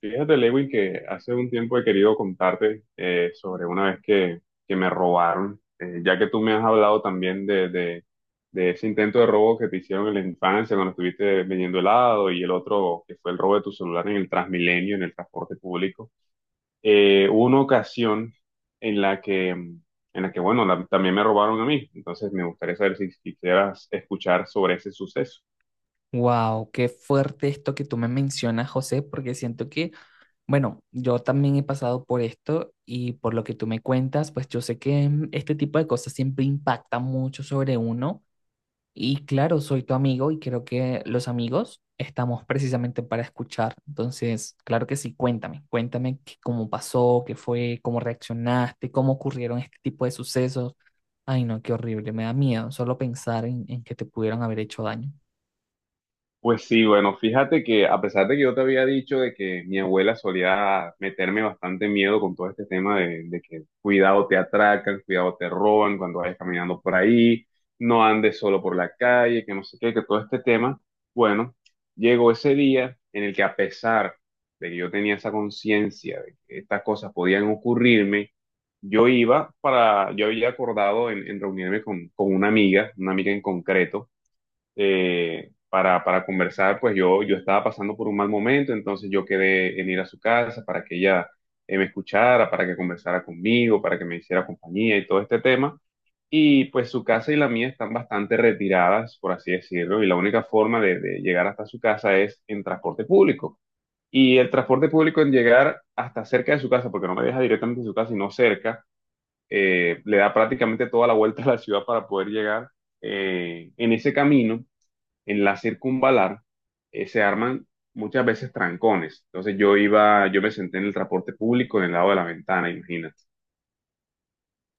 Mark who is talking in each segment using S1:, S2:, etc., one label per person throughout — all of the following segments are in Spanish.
S1: Fíjate, Lewin, que hace un tiempo he querido contarte sobre una vez que me robaron, ya que tú me has hablado también de ese intento de robo que te hicieron en la infancia cuando estuviste vendiendo helado y el otro que fue el robo de tu celular en el Transmilenio, en el transporte público. Hubo una ocasión en la que bueno, también me robaron a mí, entonces me gustaría saber si quisieras escuchar sobre ese suceso.
S2: Wow, qué fuerte esto que tú me mencionas, José, porque siento que, bueno, yo también he pasado por esto y por lo que tú me cuentas, pues yo sé que este tipo de cosas siempre impactan mucho sobre uno. Y claro, soy tu amigo y creo que los amigos estamos precisamente para escuchar. Entonces, claro que sí, cuéntame, cómo pasó, qué fue, cómo reaccionaste, cómo ocurrieron este tipo de sucesos. Ay, no, qué horrible, me da miedo solo pensar en que te pudieron haber hecho daño.
S1: Pues sí, bueno, fíjate que a pesar de que yo te había dicho de que mi abuela solía meterme bastante miedo con todo este tema de que cuidado te atracan, cuidado te roban cuando vayas caminando por ahí, no andes solo por la calle, que no sé qué, que todo este tema, bueno, llegó ese día en el que a pesar de que yo tenía esa conciencia de que estas cosas podían ocurrirme, yo iba para, yo había acordado en reunirme con una amiga en concreto para conversar, pues yo estaba pasando por un mal momento, entonces yo quedé en ir a su casa para que ella me escuchara, para que conversara conmigo, para que me hiciera compañía y todo este tema. Y pues su casa y la mía están bastante retiradas, por así decirlo, y la única forma de llegar hasta su casa es en transporte público. Y el transporte público en llegar hasta cerca de su casa, porque no me deja directamente en su casa, sino cerca, le da prácticamente toda la vuelta a la ciudad para poder llegar. En ese camino en la circunvalar se arman muchas veces trancones. Entonces yo iba, yo me senté en el transporte público en el lado de la ventana, imagínate.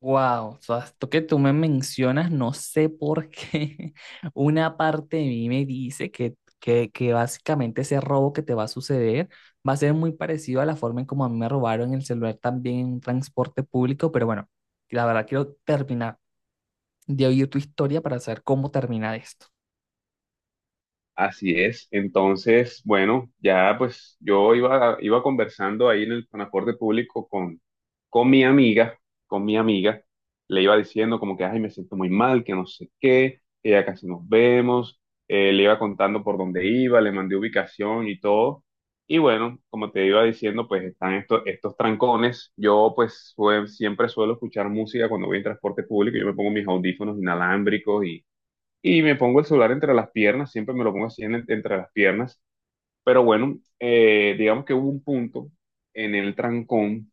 S2: Wow, o sea, esto que tú me mencionas, no sé por qué una parte de mí me dice que básicamente ese robo que te va a suceder va a ser muy parecido a la forma en como a mí me robaron el celular también en un transporte público, pero bueno, la verdad quiero terminar de oír tu historia para saber cómo termina esto.
S1: Así es. Entonces, bueno, ya pues yo iba, iba conversando ahí en el transporte público con mi amiga, con mi amiga. Le iba diciendo como que, ay, me siento muy mal, que no sé qué, que ya casi nos vemos. Le iba contando por dónde iba, le mandé ubicación y todo. Y bueno, como te iba diciendo, pues están estos trancones. Yo pues siempre suelo escuchar música cuando voy en transporte público. Yo me pongo mis audífonos inalámbricos y me pongo el celular entre las piernas, siempre me lo pongo así entre las piernas, pero bueno, digamos que hubo un punto en el trancón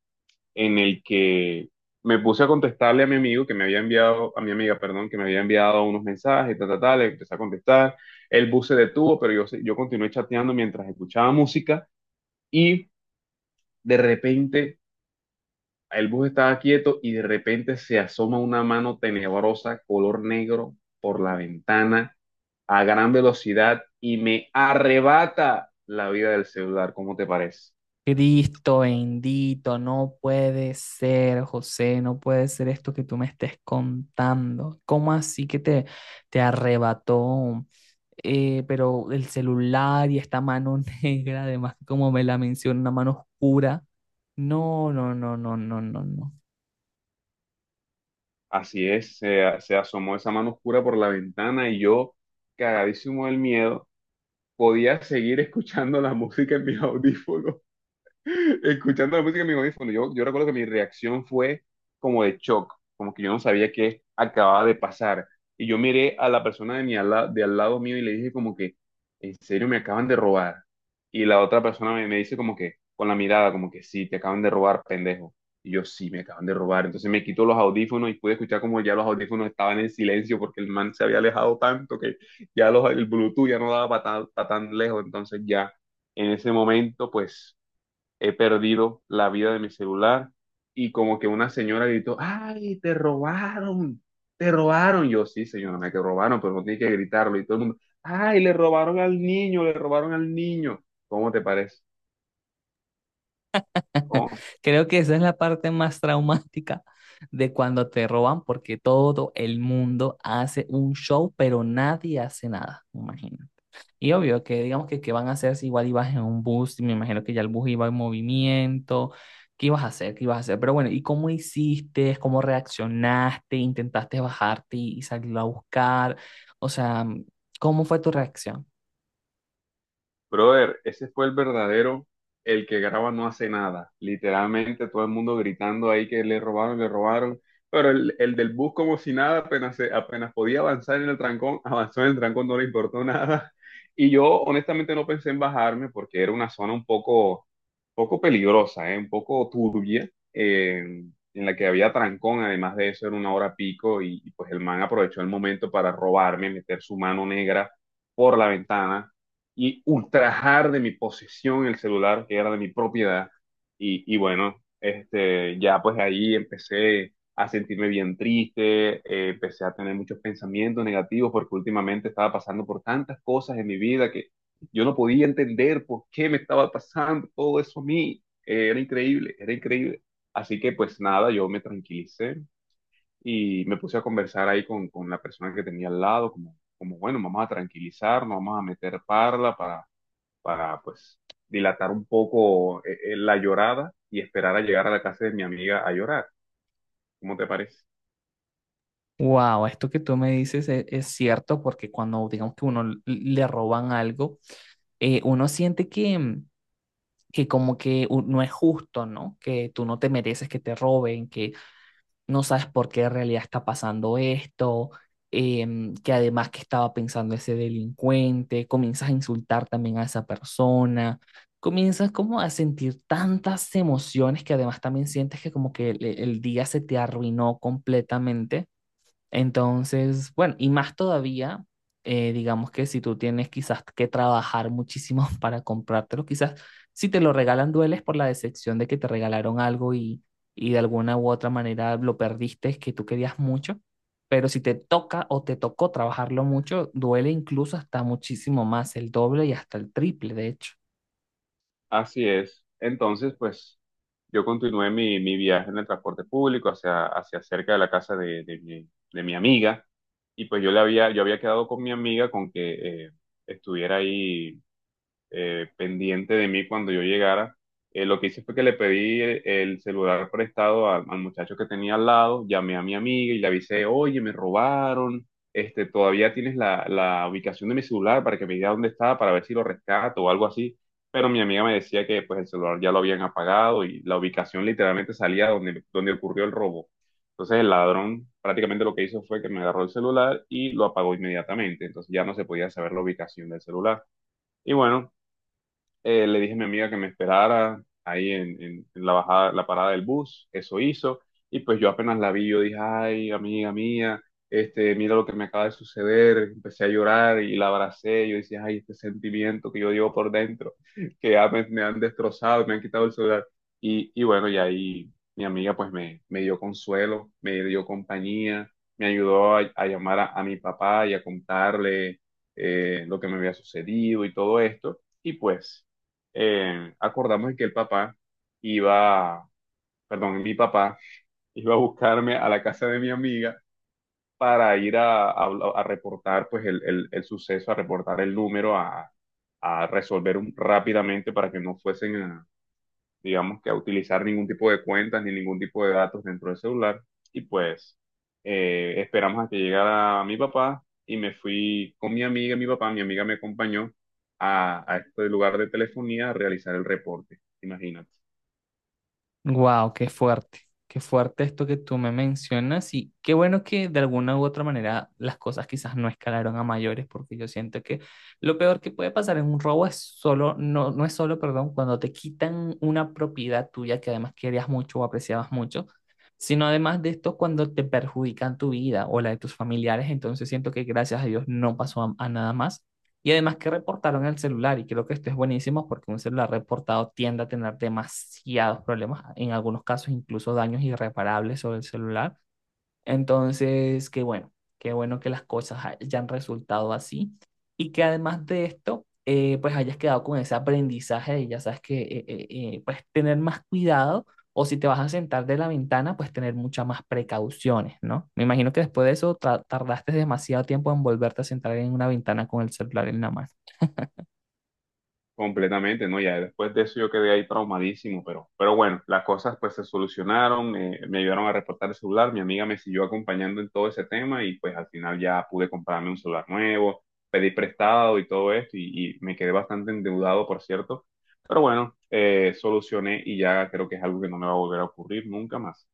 S1: en el que me puse a contestarle a mi amigo que me había enviado, a mi amiga, perdón, que me había enviado unos mensajes, tal, tal, tal, le empecé a contestar, el bus se detuvo, pero yo, yo continué chateando mientras escuchaba música y de repente el bus estaba quieto y de repente se asoma una mano tenebrosa, color negro, por la ventana a gran velocidad y me arrebata la vida del celular. ¿Cómo te parece?
S2: Cristo bendito, no puede ser, José, no puede ser esto que tú me estés contando. ¿Cómo así que te arrebató? Pero el celular y esta mano negra, además, como me la menciona, una mano oscura. No, no, no, no, no, no, no.
S1: Así es, se asomó esa mano oscura por la ventana y yo, cagadísimo del miedo, podía seguir escuchando la música en mis audífonos. Escuchando la música en mi audífono, yo recuerdo que mi reacción fue como de shock, como que yo no sabía qué acababa de pasar. Y yo miré a la persona de al lado mío y le dije como que, ¿en serio me acaban de robar? Y la otra persona me dice como que, con la mirada, como que sí, te acaban de robar, pendejo. Y yo sí, me acaban de robar. Entonces me quito los audífonos y pude escuchar como ya los audífonos estaban en silencio porque el man se había alejado tanto que ya el Bluetooth ya no daba para tan lejos. Entonces ya en ese momento, pues he perdido la vida de mi celular y como que una señora gritó, ay, te robaron, te robaron. Yo, sí, señora, me que robaron, pero no tiene que gritarlo y todo el mundo, ay, le robaron al niño, le robaron al niño. ¿Cómo te parece? ¿Cómo?
S2: Creo que esa es la parte más traumática de cuando te roban, porque todo el mundo hace un show, pero nadie hace nada, me imagino. Y obvio que digamos que qué van a hacer si igual ibas en un bus, y me imagino que ya el bus iba en movimiento, ¿qué ibas a hacer? ¿Qué ibas a hacer? Pero bueno, ¿y cómo hiciste? ¿Cómo reaccionaste? ¿Intentaste bajarte y salirlo a buscar? O sea, ¿cómo fue tu reacción?
S1: Brother, ese fue el verdadero, el que graba no hace nada. Literalmente todo el mundo gritando ahí que le robaron, le robaron. Pero el del bus como si nada, apenas, apenas podía avanzar en el trancón, avanzó en el trancón, no le importó nada. Y yo honestamente no pensé en bajarme porque era una zona poco peligrosa, ¿eh? Un poco turbia, en la que había trancón. Además de eso, era una hora pico y pues el man aprovechó el momento para robarme, meter su mano negra por la ventana y ultrajar de mi posesión el celular que era de mi propiedad. Y bueno, este, ya pues ahí empecé a sentirme bien triste, empecé a tener muchos pensamientos negativos porque últimamente estaba pasando por tantas cosas en mi vida que yo no podía entender por qué me estaba pasando todo eso a mí. Era increíble, era increíble. Así que pues nada, yo me tranquilicé y me puse a conversar ahí con la persona que tenía al lado, como como, bueno, vamos a tranquilizarnos, vamos a meter parla para pues dilatar un poco la llorada y esperar a llegar a la casa de mi amiga a llorar. ¿Cómo te parece?
S2: Wow, esto que tú me dices es cierto, porque cuando digamos que uno le roban algo, uno siente que como que no es justo, ¿no? Que tú no te mereces que te roben, que no sabes por qué en realidad está pasando esto, que además que estaba pensando ese delincuente, comienzas a insultar también a esa persona, comienzas como a sentir tantas emociones que además también sientes que como que el día se te arruinó completamente. Entonces, bueno, y más todavía, digamos que si tú tienes quizás que trabajar muchísimo para comprártelo, quizás si te lo regalan dueles por la decepción de que te regalaron algo y de alguna u otra manera lo perdiste, es que tú querías mucho, pero si te toca o te tocó trabajarlo mucho, duele incluso hasta muchísimo más, el doble y hasta el triple, de hecho.
S1: Así es. Entonces, pues yo continué mi viaje en el transporte público hacia, hacia cerca de la casa de mi amiga y pues yo le había, yo había quedado con mi amiga con que estuviera ahí pendiente de mí cuando yo llegara. Lo que hice fue que le pedí el celular prestado al muchacho que tenía al lado, llamé a mi amiga y le avisé, oye, me robaron, este, todavía tienes la ubicación de mi celular para que me diga dónde está, para ver si lo rescato o algo así. Pero mi amiga me decía que pues el celular ya lo habían apagado y la ubicación literalmente salía donde, donde ocurrió el robo. Entonces el ladrón prácticamente lo que hizo fue que me agarró el celular y lo apagó inmediatamente. Entonces ya no se podía saber la ubicación del celular. Y bueno, le dije a mi amiga que me esperara ahí en la bajada, la parada del bus, eso hizo, y pues yo apenas la vi, yo dije, ay, amiga mía, este, mira lo que me acaba de suceder, empecé a llorar y la abracé, yo decía, ay, este sentimiento que yo llevo por dentro, que ya me han destrozado, me han quitado el celular, y bueno, y ahí mi amiga pues me dio consuelo, me dio compañía, me ayudó a llamar a mi papá y a contarle lo que me había sucedido y todo esto. Y pues acordamos que el papá iba, perdón, mi papá iba a buscarme a la casa de mi amiga para ir a reportar pues el suceso, a reportar el número, a resolver rápidamente para que no fuesen digamos que a utilizar ningún tipo de cuentas ni ningún tipo de datos dentro del celular. Y pues esperamos a que llegara mi papá y me fui con mi amiga, y mi papá, mi amiga me acompañó a este lugar de telefonía a realizar el reporte, imagínate.
S2: Wow, qué fuerte esto que tú me mencionas y qué bueno que de alguna u otra manera las cosas quizás no escalaron a mayores, porque yo siento que lo peor que puede pasar en un robo es solo, no, no es solo, perdón, cuando te quitan una propiedad tuya que además querías mucho o apreciabas mucho, sino además de esto cuando te perjudican tu vida o la de tus familiares. Entonces siento que gracias a Dios no pasó a nada más. Y además que reportaron el celular, y creo que esto es buenísimo porque un celular reportado tiende a tener demasiados problemas, en algunos casos incluso daños irreparables sobre el celular. Entonces, qué bueno que las cosas hayan resultado así, y que además de esto, pues hayas quedado con ese aprendizaje y ya sabes que, pues tener más cuidado, o si te vas a sentar de la ventana, pues tener muchas más precauciones, ¿no? Me imagino que después de eso tardaste demasiado tiempo en volverte a sentar en una ventana con el celular en la mano.
S1: Completamente, ¿no? Ya después de eso yo quedé ahí traumadísimo, pero bueno, las cosas pues se solucionaron, me ayudaron a reportar el celular, mi amiga me siguió acompañando en todo ese tema y pues al final ya pude comprarme un celular nuevo, pedí prestado y todo esto y me quedé bastante endeudado, por cierto, pero bueno, solucioné y ya creo que es algo que no me va a volver a ocurrir nunca más.